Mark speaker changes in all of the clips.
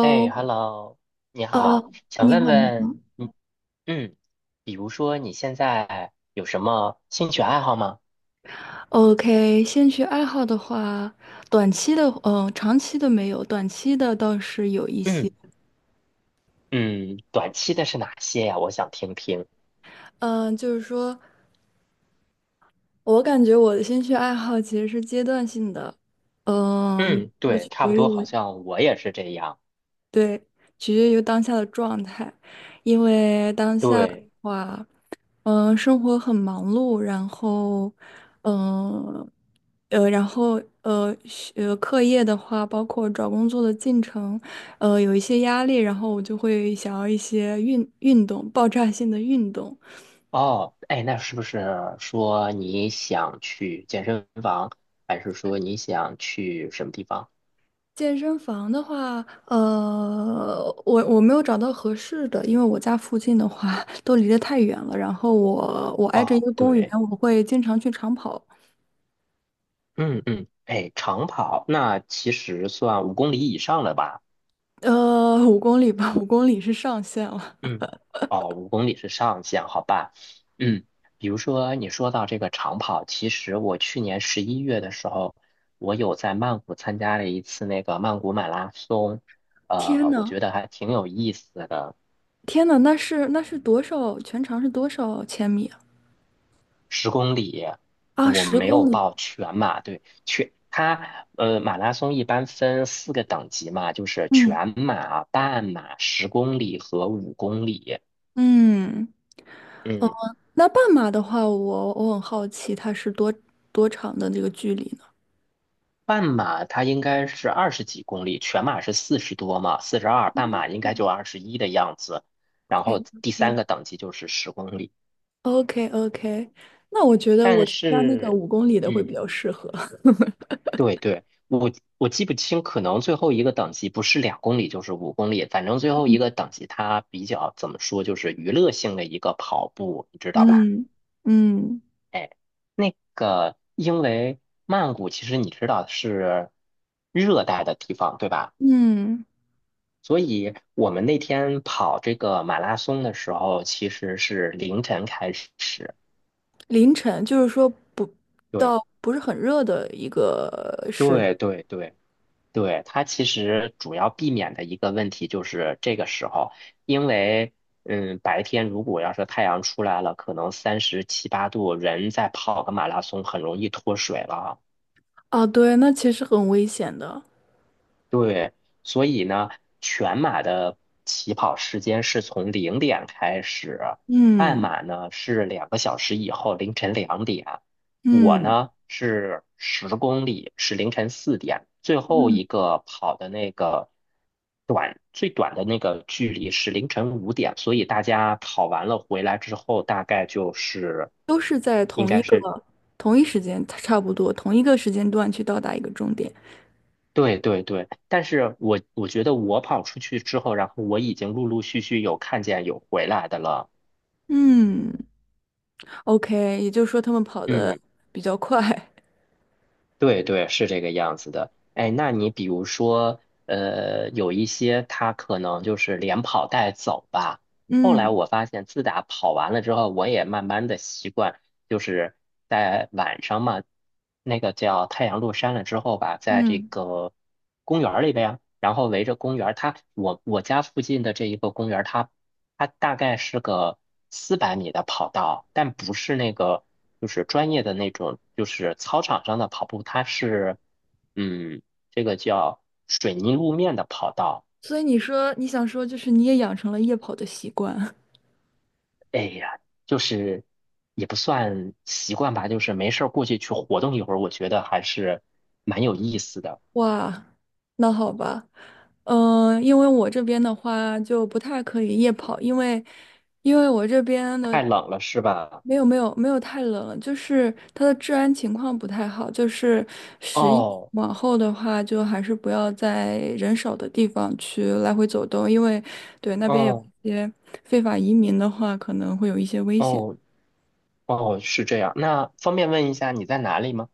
Speaker 1: 哎 ，Hello，你好，想
Speaker 2: 你
Speaker 1: 问
Speaker 2: 好，你
Speaker 1: 问
Speaker 2: 好。
Speaker 1: 嗯嗯，比如说你现在有什么兴趣爱好吗？
Speaker 2: OK，兴趣爱好的话，短期的，长期的没有，短期的倒是有一些。
Speaker 1: 嗯嗯，短期的是哪些呀？我想听听。
Speaker 2: 嗯、就是说我感觉我的兴趣爱好其实是阶段性的，嗯、
Speaker 1: 嗯，
Speaker 2: 就
Speaker 1: 对，
Speaker 2: 取
Speaker 1: 差
Speaker 2: 决
Speaker 1: 不
Speaker 2: 于
Speaker 1: 多，
Speaker 2: 我，
Speaker 1: 好像我也是这样。
Speaker 2: 对，取决于当下的状态，因为当下的
Speaker 1: 对。
Speaker 2: 话。生活很忙碌，然后，呃，然后课业的话，包括找工作的进程，有一些压力，然后我就会想要一些运动，爆炸性的运动。
Speaker 1: 哦，哎，那是不是说你想去健身房，还是说你想去什么地方？
Speaker 2: 健身房的话，我没有找到合适的，因为我家附近的话都离得太远了，然后我挨着一
Speaker 1: 哦，
Speaker 2: 个公园，
Speaker 1: 对。
Speaker 2: 我会经常去长跑，
Speaker 1: 嗯嗯，哎，长跑，那其实算5公里以上了吧？
Speaker 2: 五公里吧，五公里是上限了。
Speaker 1: 嗯。哦，五公里是上限，好吧？嗯，比如说你说到这个长跑，其实我去年11月的时候，我有在曼谷参加了一次那个曼谷马拉松，
Speaker 2: 天
Speaker 1: 我
Speaker 2: 呐！
Speaker 1: 觉得还挺有意思的。
Speaker 2: 天呐，那是多少？全长是多少千米啊？
Speaker 1: 十公里。
Speaker 2: 啊，
Speaker 1: 我
Speaker 2: 十
Speaker 1: 没有
Speaker 2: 公里。
Speaker 1: 报全马，对，马拉松一般分四个等级嘛，就是
Speaker 2: 嗯
Speaker 1: 全马、半马、十公里和五公里。
Speaker 2: 嗯，哦，
Speaker 1: 嗯。
Speaker 2: 那半马的话，我很好奇，它是多长的这个距离呢
Speaker 1: 半马它应该是20几公里，全马是四十多嘛，42，半马应该就21的样子。然后第三
Speaker 2: ？OK
Speaker 1: 个等级就是十公里。
Speaker 2: OK OK，那我觉得我
Speaker 1: 但
Speaker 2: 参加那个
Speaker 1: 是，
Speaker 2: 五公里的会比
Speaker 1: 嗯，
Speaker 2: 较适合。
Speaker 1: 对对，我记不清，可能最后一个等级不是2公里就是五公里，反正最后一个等级它比较怎么说，就是娱乐性的一个跑步，你知道吧？
Speaker 2: 嗯嗯
Speaker 1: 哎，那个因为曼谷其实你知道是热带的地方，对吧？
Speaker 2: 嗯，
Speaker 1: 所以我们那天跑这个马拉松的时候，其实是凌晨开始。
Speaker 2: 凌晨就是说不
Speaker 1: 对，
Speaker 2: 到不是很热的一个时。
Speaker 1: 对，对，对，对。它其实主要避免的一个问题就是这个时候，因为白天如果要是太阳出来了，可能37、8度，人再跑个马拉松很容易脱水了。
Speaker 2: 哦，对，那其实很危险的。
Speaker 1: 对。所以呢，全马的起跑时间是从0点开始，半
Speaker 2: 嗯
Speaker 1: 马呢是2个小时以后凌晨2点，我
Speaker 2: 嗯
Speaker 1: 呢是十公里是凌晨4点，最后
Speaker 2: 嗯。
Speaker 1: 一个跑的那个最短的那个距离是凌晨5点，所以大家跑完了回来之后，大概就是
Speaker 2: 都是在
Speaker 1: 应
Speaker 2: 同一
Speaker 1: 该
Speaker 2: 个
Speaker 1: 是，
Speaker 2: 同一时间，差不多同一个时间段去到达一个终点。
Speaker 1: 对对对，但是我觉得我跑出去之后，然后我已经陆陆续续有看见有回来的了。
Speaker 2: 嗯，OK，也就是说他们跑得
Speaker 1: 嗯，
Speaker 2: 比较快。
Speaker 1: 对对，是这个样子的。哎，那你比如说，有一些他可能就是连跑带走吧。后来
Speaker 2: 嗯
Speaker 1: 我发现，自打跑完了之后，我也慢慢的习惯，就是在晚上嘛，那个叫太阳落山了之后吧，在这
Speaker 2: 嗯，
Speaker 1: 个公园儿里边。然后围着公园儿，我家附近的这一个公园儿，它大概是个400米的跑道，但不是那个就是专业的那种，就是操场上的跑步，它是嗯，这个叫水泥路面的跑道。
Speaker 2: 所以你说你想说，就是你也养成了夜跑的习惯。
Speaker 1: 哎呀，就是也不算习惯吧，就是没事儿过去去活动一会儿，我觉得还是蛮有意思的。
Speaker 2: 哇，那好吧，因为我这边的话就不太可以夜跑，因为我这边的，
Speaker 1: 太冷了是吧？
Speaker 2: 没有没有没有，太冷，就是它的治安情况不太好，就是11
Speaker 1: 哦
Speaker 2: 往后的话，就还是不要在人少的地方去来回走动，因为对那边有
Speaker 1: 哦
Speaker 2: 一些非法移民的话，可能会有一些危险。
Speaker 1: 哦哦，是这样。那方便问一下你在哪里吗？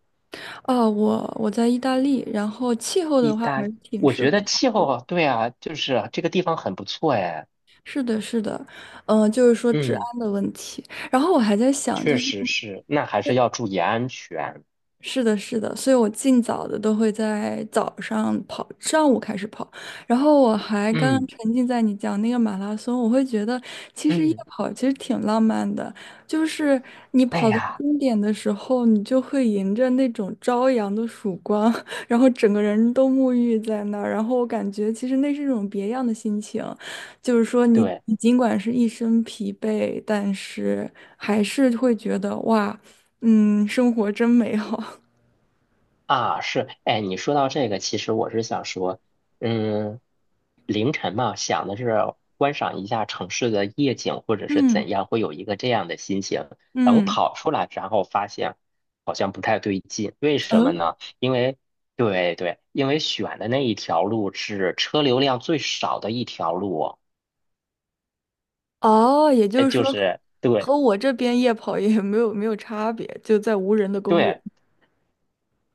Speaker 2: 哦，我在意大利，然后气候
Speaker 1: 意
Speaker 2: 的话
Speaker 1: 大
Speaker 2: 还是
Speaker 1: 利，
Speaker 2: 挺
Speaker 1: 我
Speaker 2: 适
Speaker 1: 觉
Speaker 2: 合。
Speaker 1: 得气候啊，对啊，就是这个地方很不错哎。
Speaker 2: 是的，是的，就是说治
Speaker 1: 嗯，
Speaker 2: 安的问题。然后我还在想，
Speaker 1: 确
Speaker 2: 就是
Speaker 1: 实是，那还是要注意安全。
Speaker 2: 是的，是的，所以我尽早的都会在早上跑，上午开始跑，然后我还刚刚
Speaker 1: 嗯
Speaker 2: 沉浸在你讲那个马拉松，我会觉得其实夜
Speaker 1: 嗯，
Speaker 2: 跑其实挺浪漫的，就是你
Speaker 1: 哎
Speaker 2: 跑到
Speaker 1: 呀，
Speaker 2: 终点的时候，你就会迎着那种朝阳的曙光，然后整个人都沐浴在那儿，然后我感觉其实那是一种别样的心情，就是说你
Speaker 1: 对。
Speaker 2: 你尽管是一身疲惫，但是还是会觉得哇，生活真美好。
Speaker 1: 啊，是，哎，你说到这个，其实我是想说，嗯，凌晨嘛，想的是观赏一下城市的夜景，或者是
Speaker 2: 嗯
Speaker 1: 怎样，会有一个这样的心情。等
Speaker 2: 嗯
Speaker 1: 跑出来，然后发现好像不太对劲，为什么
Speaker 2: 嗯，
Speaker 1: 呢？因为，对对，因为选的那一条路是车流量最少的一条路哦。
Speaker 2: 哦，也就
Speaker 1: 哎，
Speaker 2: 是说，
Speaker 1: 就是对
Speaker 2: 和我这边夜跑也没有差别，就在无人的公园。
Speaker 1: 对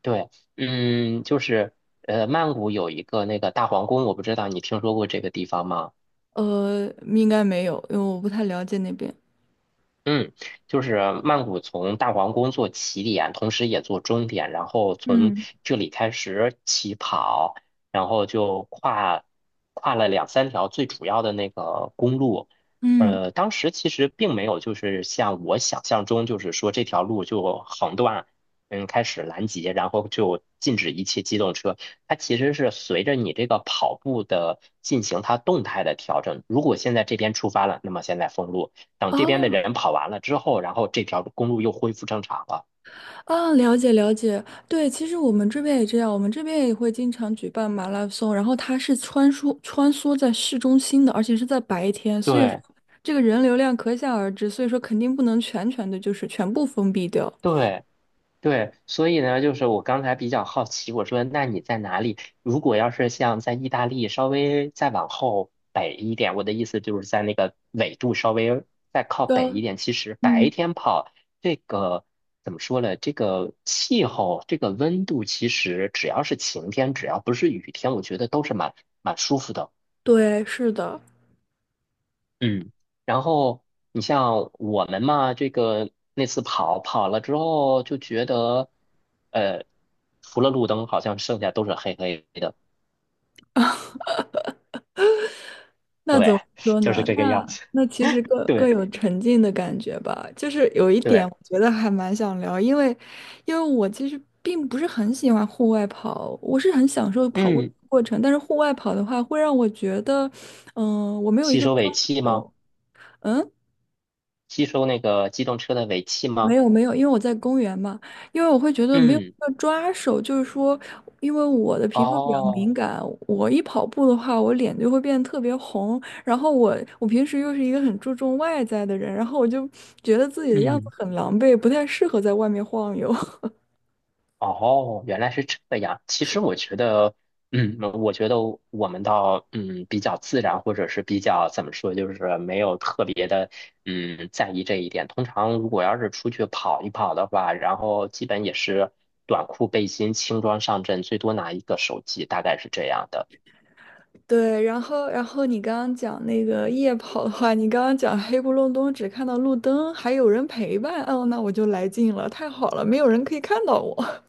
Speaker 1: 对。就是曼谷有一个那个大皇宫，我不知道你听说过这个地方吗？
Speaker 2: 应该没有，因为我不太了解那边。
Speaker 1: 嗯，就是曼谷从大皇宫做起点，同时也做终点，然后从
Speaker 2: 嗯
Speaker 1: 这里开始起跑，然后就跨了2、3条最主要的那个公路。
Speaker 2: 嗯，
Speaker 1: 当时其实并没有就是像我想象中，就是说这条路就横断，开始拦截，然后就禁止一切机动车。它其实是随着你这个跑步的进行，它动态的调整。如果现在这边出发了，那么现在封路。等这边的
Speaker 2: 哦
Speaker 1: 人跑完了之后，然后这条公路又恢复正常了。
Speaker 2: 啊，了解了解。对，其实我们这边也这样，我们这边也会经常举办马拉松，然后它是穿梭穿梭在市中心的，而且是在白天，所以说
Speaker 1: 对
Speaker 2: 这个人流量可想而知，所以说肯定不能全全的就是全部封闭掉。
Speaker 1: 对对，所以呢，就是我刚才比较好奇，我说那你在哪里？如果要是像在意大利稍微再往后北一点，我的意思就是在那个纬度稍微再靠
Speaker 2: 对
Speaker 1: 北
Speaker 2: 啊，
Speaker 1: 一点，其实白
Speaker 2: 嗯，
Speaker 1: 天跑这个怎么说呢？这个气候，这个温度，其实只要是晴天，只要不是雨天，我觉得都是蛮舒服的。
Speaker 2: 对，是的。
Speaker 1: 嗯，然后你像我们嘛，这个那次跑了之后，就觉得，呃，除了路灯，好像剩下都是黑黑的。
Speaker 2: 那怎
Speaker 1: 对，
Speaker 2: 么 说
Speaker 1: 就是
Speaker 2: 呢？
Speaker 1: 这个样
Speaker 2: 那
Speaker 1: 子，
Speaker 2: 那其实各各
Speaker 1: 对
Speaker 2: 有沉浸的感觉吧。就是有一点，
Speaker 1: 对。
Speaker 2: 我觉得还蛮想聊，因为我其实并不是很喜欢户外跑，我是很享受跑步的
Speaker 1: 嗯，
Speaker 2: 过程，但是户外跑的话，会让我觉得，我没有一
Speaker 1: 吸
Speaker 2: 个
Speaker 1: 收
Speaker 2: 抓
Speaker 1: 尾气吗？
Speaker 2: 手。嗯，
Speaker 1: 吸收那个机动车的尾气
Speaker 2: 没
Speaker 1: 吗？
Speaker 2: 有没有，因为我在公园嘛，因为我会觉得没有
Speaker 1: 嗯，
Speaker 2: 要抓手，就是说，因为我的皮肤比较敏
Speaker 1: 哦，
Speaker 2: 感，我一跑步的话，我脸就会变得特别红。然后我平时又是一个很注重外在的人，然后我就觉得自己的样子
Speaker 1: 嗯。
Speaker 2: 很狼狈，不太适合在外面晃悠。
Speaker 1: 哦，原来是这个样。其实我觉得，我觉得我们倒，比较自然，或者是比较怎么说，就是没有特别的，在意这一点。通常如果要是出去跑一跑的话，然后基本也是短裤、背心、轻装上阵，最多拿一个手机，大概是这样的。
Speaker 2: 对，然后你刚刚讲那个夜跑的话，你刚刚讲黑不隆冬只看到路灯，还有人陪伴，哦，那我就来劲了，太好了，没有人可以看到我。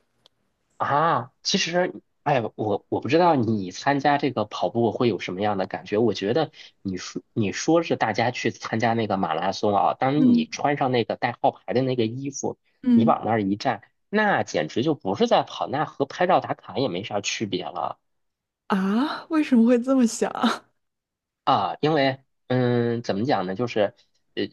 Speaker 1: 啊，其实，哎，我不知道你参加这个跑步会有什么样的感觉。我觉得你说是大家去参加那个马拉松啊，当你
Speaker 2: 嗯
Speaker 1: 穿上那个带号牌的那个衣服，你
Speaker 2: 嗯。
Speaker 1: 往那儿一站，那简直就不是在跑，那和拍照打卡也没啥区别了。
Speaker 2: 啊，为什么会这么想？
Speaker 1: 啊，因为怎么讲呢，就是呃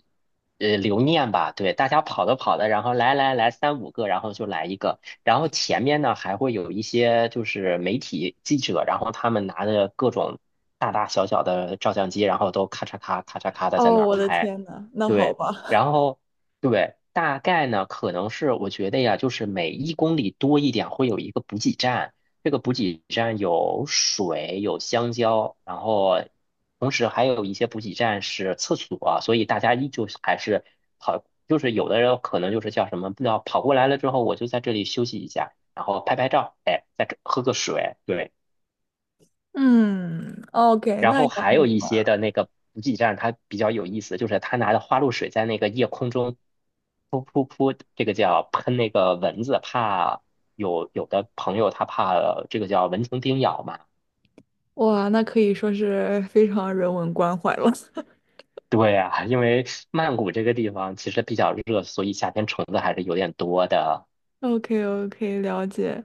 Speaker 1: 留念吧，对，大家跑的跑的，然后来来来3、5个，然后就来一个，然后前面呢还会有一些就是媒体记者，然后他们拿着各种大大小小的照相机，然后都咔嚓咔咔嚓咔的在
Speaker 2: 哦，
Speaker 1: 那儿
Speaker 2: 我的
Speaker 1: 拍。
Speaker 2: 天呐，那好
Speaker 1: 对，
Speaker 2: 吧，
Speaker 1: 然后对，大概呢可能是我觉得呀，就是每1公里多一点会有一个补给站。这个补给站有水，有香蕉，然后同时还有一些补给站是厕所，所以大家依旧是还是跑，就是有的人可能就是叫什么，不知道跑过来了之后，我就在这里休息一下，然后拍拍照，哎，再吃喝个水，对。
Speaker 2: 嗯，OK，
Speaker 1: 然
Speaker 2: 那
Speaker 1: 后
Speaker 2: 也
Speaker 1: 还
Speaker 2: 很
Speaker 1: 有一些
Speaker 2: 好，
Speaker 1: 的那个补给站，它比较有意思，就是他拿着花露水在那个夜空中噗噗噗，这个叫喷那个蚊子，怕有的朋友他怕这个叫蚊虫叮咬嘛。
Speaker 2: 哇，那可以说是非常人文关怀了。
Speaker 1: 对呀，因为曼谷这个地方其实比较热，所以夏天虫子还是有点多的。
Speaker 2: O K O K 了解。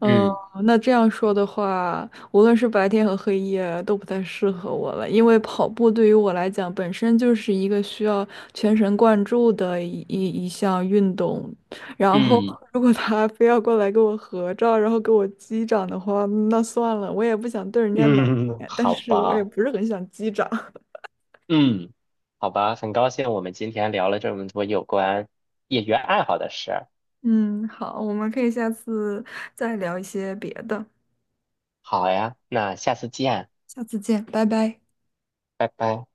Speaker 2: 嗯，
Speaker 1: 嗯
Speaker 2: 那这样说的话，无论是白天和黑夜都不太适合我了，因为跑步对于我来讲本身就是一个需要全神贯注的一项运动，然后
Speaker 1: 嗯
Speaker 2: 如果他非要过来跟我合照，然后给我击掌的话，那算了，我也不想对人家冷
Speaker 1: 嗯，
Speaker 2: 脸，但
Speaker 1: 好
Speaker 2: 是我也
Speaker 1: 吧，
Speaker 2: 不是很想击掌。
Speaker 1: 嗯，好吧，很高兴我们今天聊了这么多有关业余爱好的事儿。
Speaker 2: 嗯，好，我们可以下次再聊一些别的。
Speaker 1: 好呀，那下次见，
Speaker 2: 下次见，拜拜。
Speaker 1: 拜拜。